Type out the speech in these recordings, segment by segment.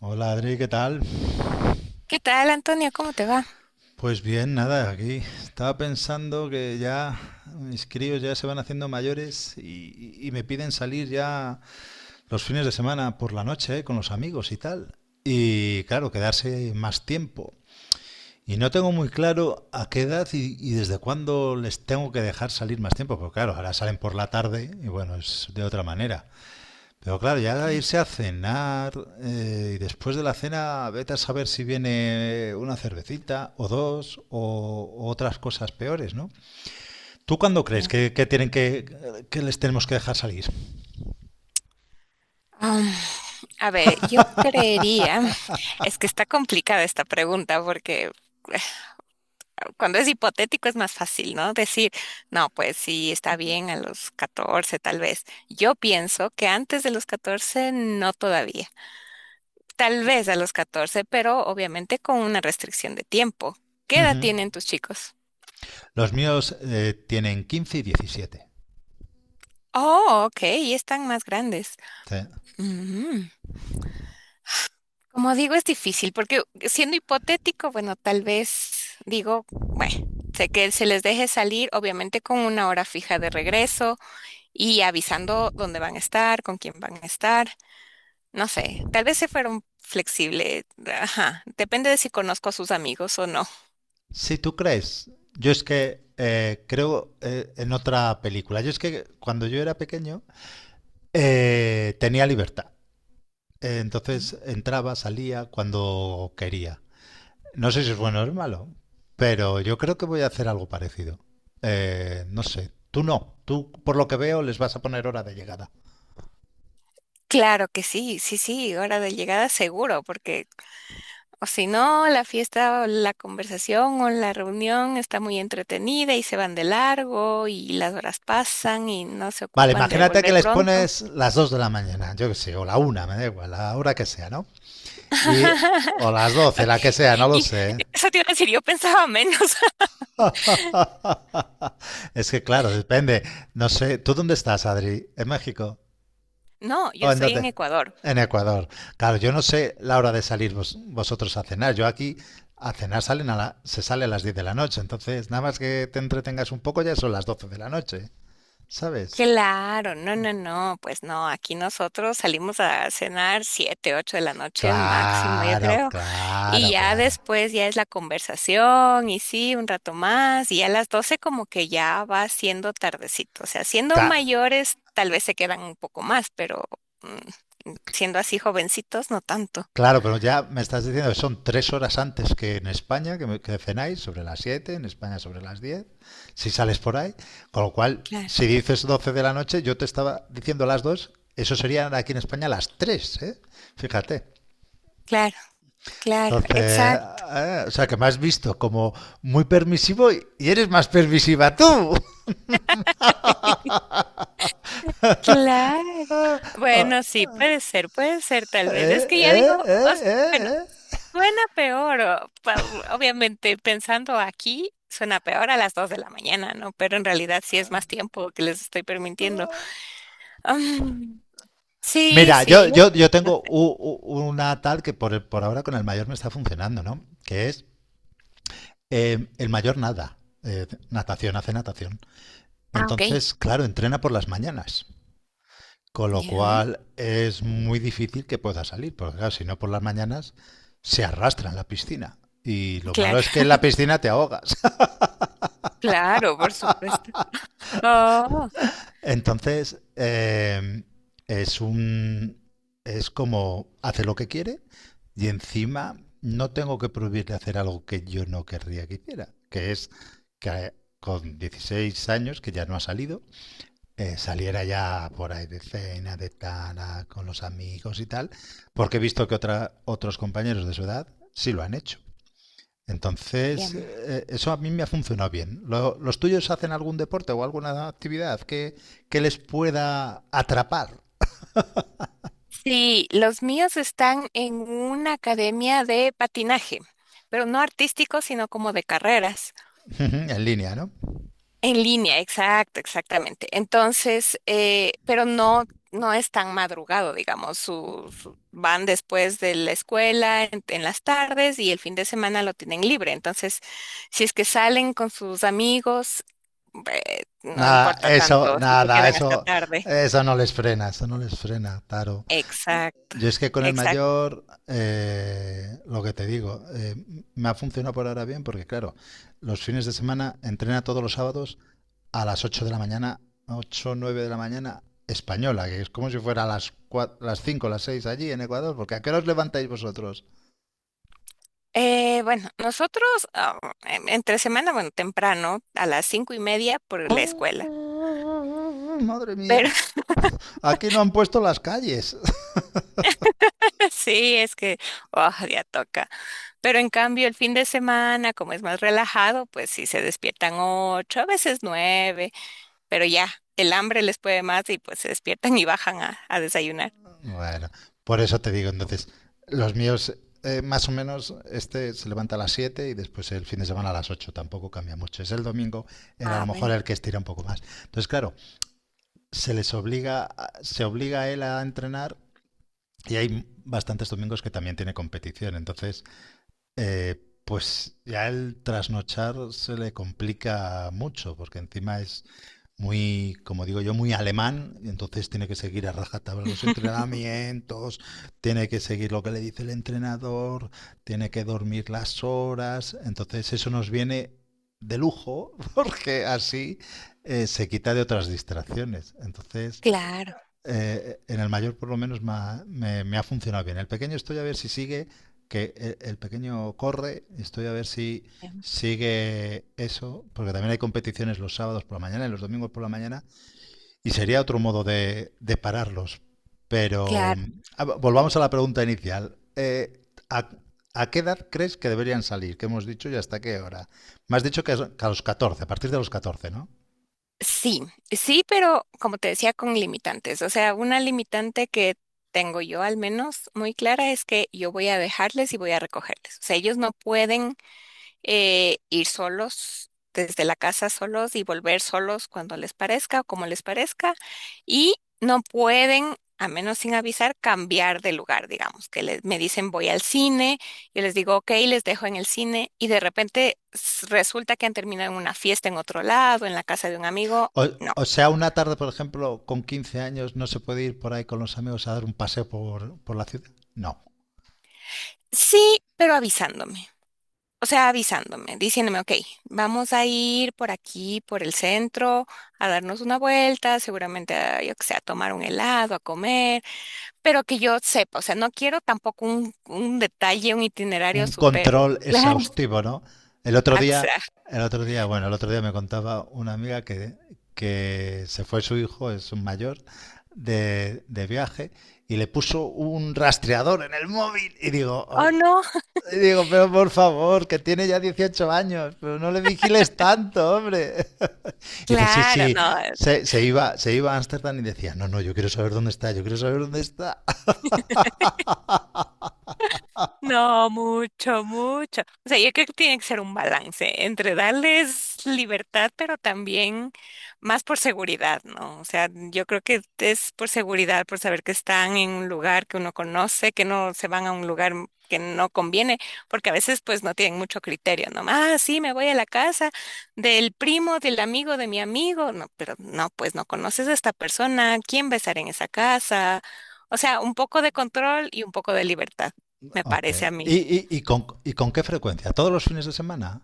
Hola Adri, ¿qué tal? ¿Qué tal, Antonio? ¿Cómo te va? Pues bien, nada, aquí estaba pensando que ya mis críos ya se van haciendo mayores y me piden salir ya los fines de semana por la noche, con los amigos y tal. Y claro, quedarse más tiempo. Y no tengo muy claro a qué edad y desde cuándo les tengo que dejar salir más tiempo, porque claro, ahora salen por la tarde y bueno, es de otra manera. Pero claro, ya Bien, irse a cenar y después de la cena vete a saber si viene una cervecita o dos o otras cosas peores, ¿no? ¿Tú cuándo crees bien. que tienen que les tenemos que dejar salir? Um, a ver, yo creería, es que está complicada esta pregunta porque eh, cuando es hipotético es más fácil, ¿no? Decir, no, pues sí, está bien a los 14, tal vez. Yo pienso que antes de los 14 no todavía. Tal vez a los 14, pero obviamente con una restricción de tiempo. ¿Qué edad Ujú. tienen tus chicos? Los míos tienen 15 y 17. Oh, ok, y están más grandes. Sí. Ujú. Como digo, es difícil porque siendo hipotético, bueno, tal vez digo, bueno, sé que se les deje salir, obviamente con una hora fija de regreso y avisando dónde van a estar, con quién van a estar, no sé, tal vez se fueron flexible, ajá, depende de si conozco a sus amigos o no. Si tú crees, yo es que creo en otra película. Yo es que cuando yo era pequeño tenía libertad. Entonces entraba, salía cuando quería. No sé si es bueno o es malo, pero yo creo que voy a hacer algo parecido. No sé, tú no, tú por lo que veo les vas a poner hora de llegada. Claro que sí, sí, sí, hora de llegada seguro, porque o si no, la fiesta o la conversación o la reunión está muy entretenida y se van de largo y las horas pasan y no se Vale, ocupan de imagínate que volver les pronto. pones las 2 de la mañana, yo qué sé, o la una, me da igual, la hora que sea, ¿no? Y, o las doce, Ok, la que sea, no lo y sé. eso te iba a decir, yo pensaba menos. Es que claro, depende. No sé, ¿tú dónde estás, Adri? ¿En México? No, ¿O yo en estoy dónde? en Ecuador. En Ecuador. Claro, yo no sé la hora de salir vosotros a cenar. Yo aquí a cenar se sale a las 10 de la noche. Entonces, nada más que te entretengas un poco, ya son las doce de la noche. ¿Sabes? Claro, no, no, no, pues no, aquí nosotros salimos a cenar 7, 8 de la noche máximo, yo Claro, creo. Y claro, ya claro. después ya es la conversación y sí, un rato más y a las 12 como que ya va siendo tardecito. O sea, siendo Claro. mayores tal vez se quedan un poco más, pero siendo así jovencitos no tanto. Claro, pero ya me estás diciendo que son tres horas antes que en España, que cenáis, sobre las 7. En España sobre las 10. Si sales por ahí. Con lo cual, Claro, si dices 12 de la noche, yo te estaba diciendo las 2. Eso serían aquí en España las tres. ¿Eh? Fíjate. claro, claro, Entonces, exacto, o sea, que me has visto como muy permisivo y eres más permisiva tú. claro. Bueno, sí, puede ser tal vez. Es ¿Eh? que ya digo, ¿Eh? ¿Eh? ¿Eh? bueno, ¿Eh? suena peor, obviamente pensando aquí. Suena peor a las 2 de la mañana, ¿no? Pero en realidad sí es más tiempo que les estoy permitiendo. Am, sí, Mira, sí, yo creo yo que no tengo sé. Una tal que por ahora con el mayor me está funcionando, ¿no? Que es el mayor nada, natación, hace natación. Ah, ok, Entonces, claro, entrena por las mañanas, con lo ya, cual es muy difícil que pueda salir, porque claro, si no por las mañanas se arrastra en la piscina. Y lo malo claro, es que en la piscina te ahogas. claro, por supuesto. Oh, Entonces, es un. Es como hace lo que quiere y encima no tengo que prohibirle hacer algo que yo no querría que hiciera, que es que con 16 años, que ya no ha salido, saliera ya por ahí de cena, de tana, con los amigos y tal, porque he visto que otros compañeros de su edad sí lo han hecho. Entonces, ya. Eso a mí me ha funcionado bien. ¿Los tuyos hacen algún deporte o alguna actividad que les pueda atrapar? Sí, los míos están en una academia de patinaje, pero no artístico, sino como de carreras. En línea, ¿no? En línea, exacto, exactamente. Entonces, pero no, no es tan madrugado, digamos, van después de la escuela en las tardes y el fin de semana lo tienen libre. Entonces, si es que salen con sus amigos, no Nada, importa eso, tanto si se nada, quedan hasta eso, tarde. eso no les frena, eso no les frena, Taro. Exacto, Yo es que con el exacto. mayor, lo que te digo, me ha funcionado por ahora bien porque, claro, los fines de semana entrena todos los sábados a las 8 de la mañana, 8 9 de la mañana española, que es como si fuera a las, 4, las 5 las 6 allí en Ecuador, porque ¿a qué os levantáis vosotros? Bueno, nosotros ah, entre semana, bueno, temprano, a las 5:30 por la escuela. Mm, madre Pero mía, aquí no han puesto las calles. sí, es que, oh, ya toca. Pero en cambio, el fin de semana, como es más relajado, pues sí se despiertan 8, a veces 9, pero ya el hambre les puede más y pues se despiertan y bajan a desayunar. Bueno, por eso te digo, entonces, los míos, más o menos, este se levanta a las 7 y después el fin de semana a las 8 tampoco cambia mucho. Es el domingo, el, a lo Ah, mejor bueno, el que estira un poco más. Entonces, claro, se les obliga, se obliga a él a entrenar y hay bastantes domingos que también tiene competición. Entonces, pues ya el trasnochar se le complica mucho, porque encima es muy, como digo yo, muy alemán, y entonces tiene que seguir a rajatabla los entrenamientos, tiene que seguir lo que le dice el entrenador, tiene que dormir las horas, entonces eso nos viene de lujo, porque así se quita de otras distracciones. Entonces, claro, en el mayor por lo menos me ha, me ha funcionado bien. El pequeño estoy a ver si sigue, que pequeño corre, estoy a ver si em, sigue eso, porque también hay competiciones los sábados por la mañana y los domingos por la mañana, y sería otro modo de pararlos. Pero claro. Volvamos a la pregunta inicial. A qué edad crees que deberían salir? ¿Qué hemos dicho y hasta qué hora? Me has dicho que a los catorce, a partir de los 14, ¿no? Sí, sí, pero como te decía, con limitantes. O sea, una limitante que tengo yo al menos muy clara es que yo voy a dejarles y voy a recogerles. O sea, ellos no pueden ir solos desde la casa solos y volver solos cuando les parezca o como les parezca. Y no pueden, a menos sin avisar, cambiar de lugar, digamos, que les, me dicen voy al cine, yo les digo ok, les dejo en el cine y de repente resulta que han terminado en una fiesta en otro lado, en la casa de un amigo. O, No. o sea, una tarde, por ejemplo, con 15 años, no se puede ir por ahí con los amigos a dar un paseo por la ciudad. No, Sí, pero avisándome. O sea, avisándome, diciéndome, ok, vamos a ir por aquí, por el centro, a darnos una vuelta, seguramente, a, yo que sé, a tomar un helado, a comer, pero que yo sepa, o sea, no quiero tampoco un detalle, un itinerario un súper. control Claro. exhaustivo, ¿no? El otro día, axa- el otro día, bueno, el otro día me contaba una amiga que se fue su hijo, es un mayor, de viaje y le puso un rastreador en el móvil. Y digo, "Oh, Oh, no". no, Y digo, pero por favor, que tiene ya 18 años, pero no le vigiles tanto, hombre. Y dice, sí, claro, sí, no. Se iba a Ámsterdam y decía, no, no, yo quiero saber dónde está, yo quiero saber dónde está. No, mucho, mucho. O sea, yo creo que tiene que ser un balance entre darles libertad, pero también más por seguridad, ¿no? O sea, yo creo que es por seguridad, por saber que están en un lugar que uno conoce, que no se van a un lugar que no conviene, porque a veces pues no tienen mucho criterio, ¿no? Ah, sí, me voy a la casa del primo, del amigo, de mi amigo. No, pero no, pues no conoces a esta persona, ¿quién va a estar en esa casa? O sea, un poco de control y un poco de libertad me Ok. parece a mí. Y con qué frecuencia? ¿Todos los fines de semana?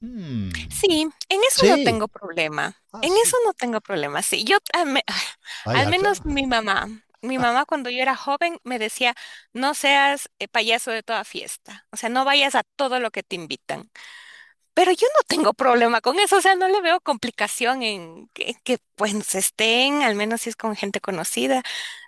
Mm, Sí, en eso no sí. tengo problema. Ah, En sí. eso no tengo problema. Sí, Vaya, al al menos fin- mi mamá cuando yo era joven me decía, no seas payaso de toda fiesta. O sea, no vayas a todo lo que te invitan. Pero yo no tengo problema con eso, o sea, no le veo complicación en que, pues estén, al menos si es con gente conocida.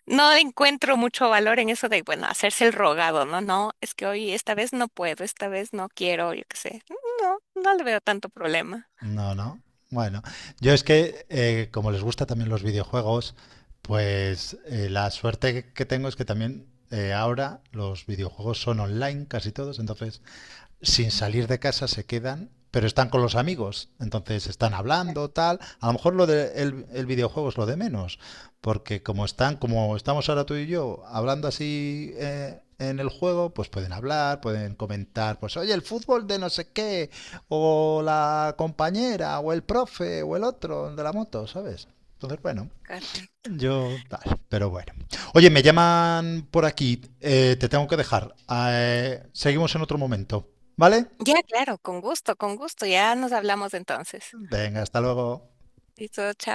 No encuentro mucho valor en eso de, bueno, hacerse el rogado, no, no, es que hoy esta vez no puedo, esta vez no quiero, yo qué sé. No, no le veo tanto problema. no, no. Bueno, yo es que como les gusta también los videojuegos, pues la suerte que tengo es que también ahora los videojuegos son online casi todos, entonces sin salir de casa se quedan, pero están con los amigos. Entonces están hablando, tal. A lo mejor lo el videojuego es lo de menos, porque como están, como estamos ahora tú y yo, hablando así en el juego, pues pueden hablar, pueden comentar, pues oye, el fútbol de no sé qué, o la compañera, o el profe, o el otro de la moto, ¿sabes? Entonces, bueno. Correcto. Yo tal, pero bueno. Oye, me llaman por aquí. Eh, te tengo que dejar. Seguimos en otro momento. ¿Vale? Ya, claro, con gusto, ya nos hablamos entonces. Venga, hasta luego. Listo, chao.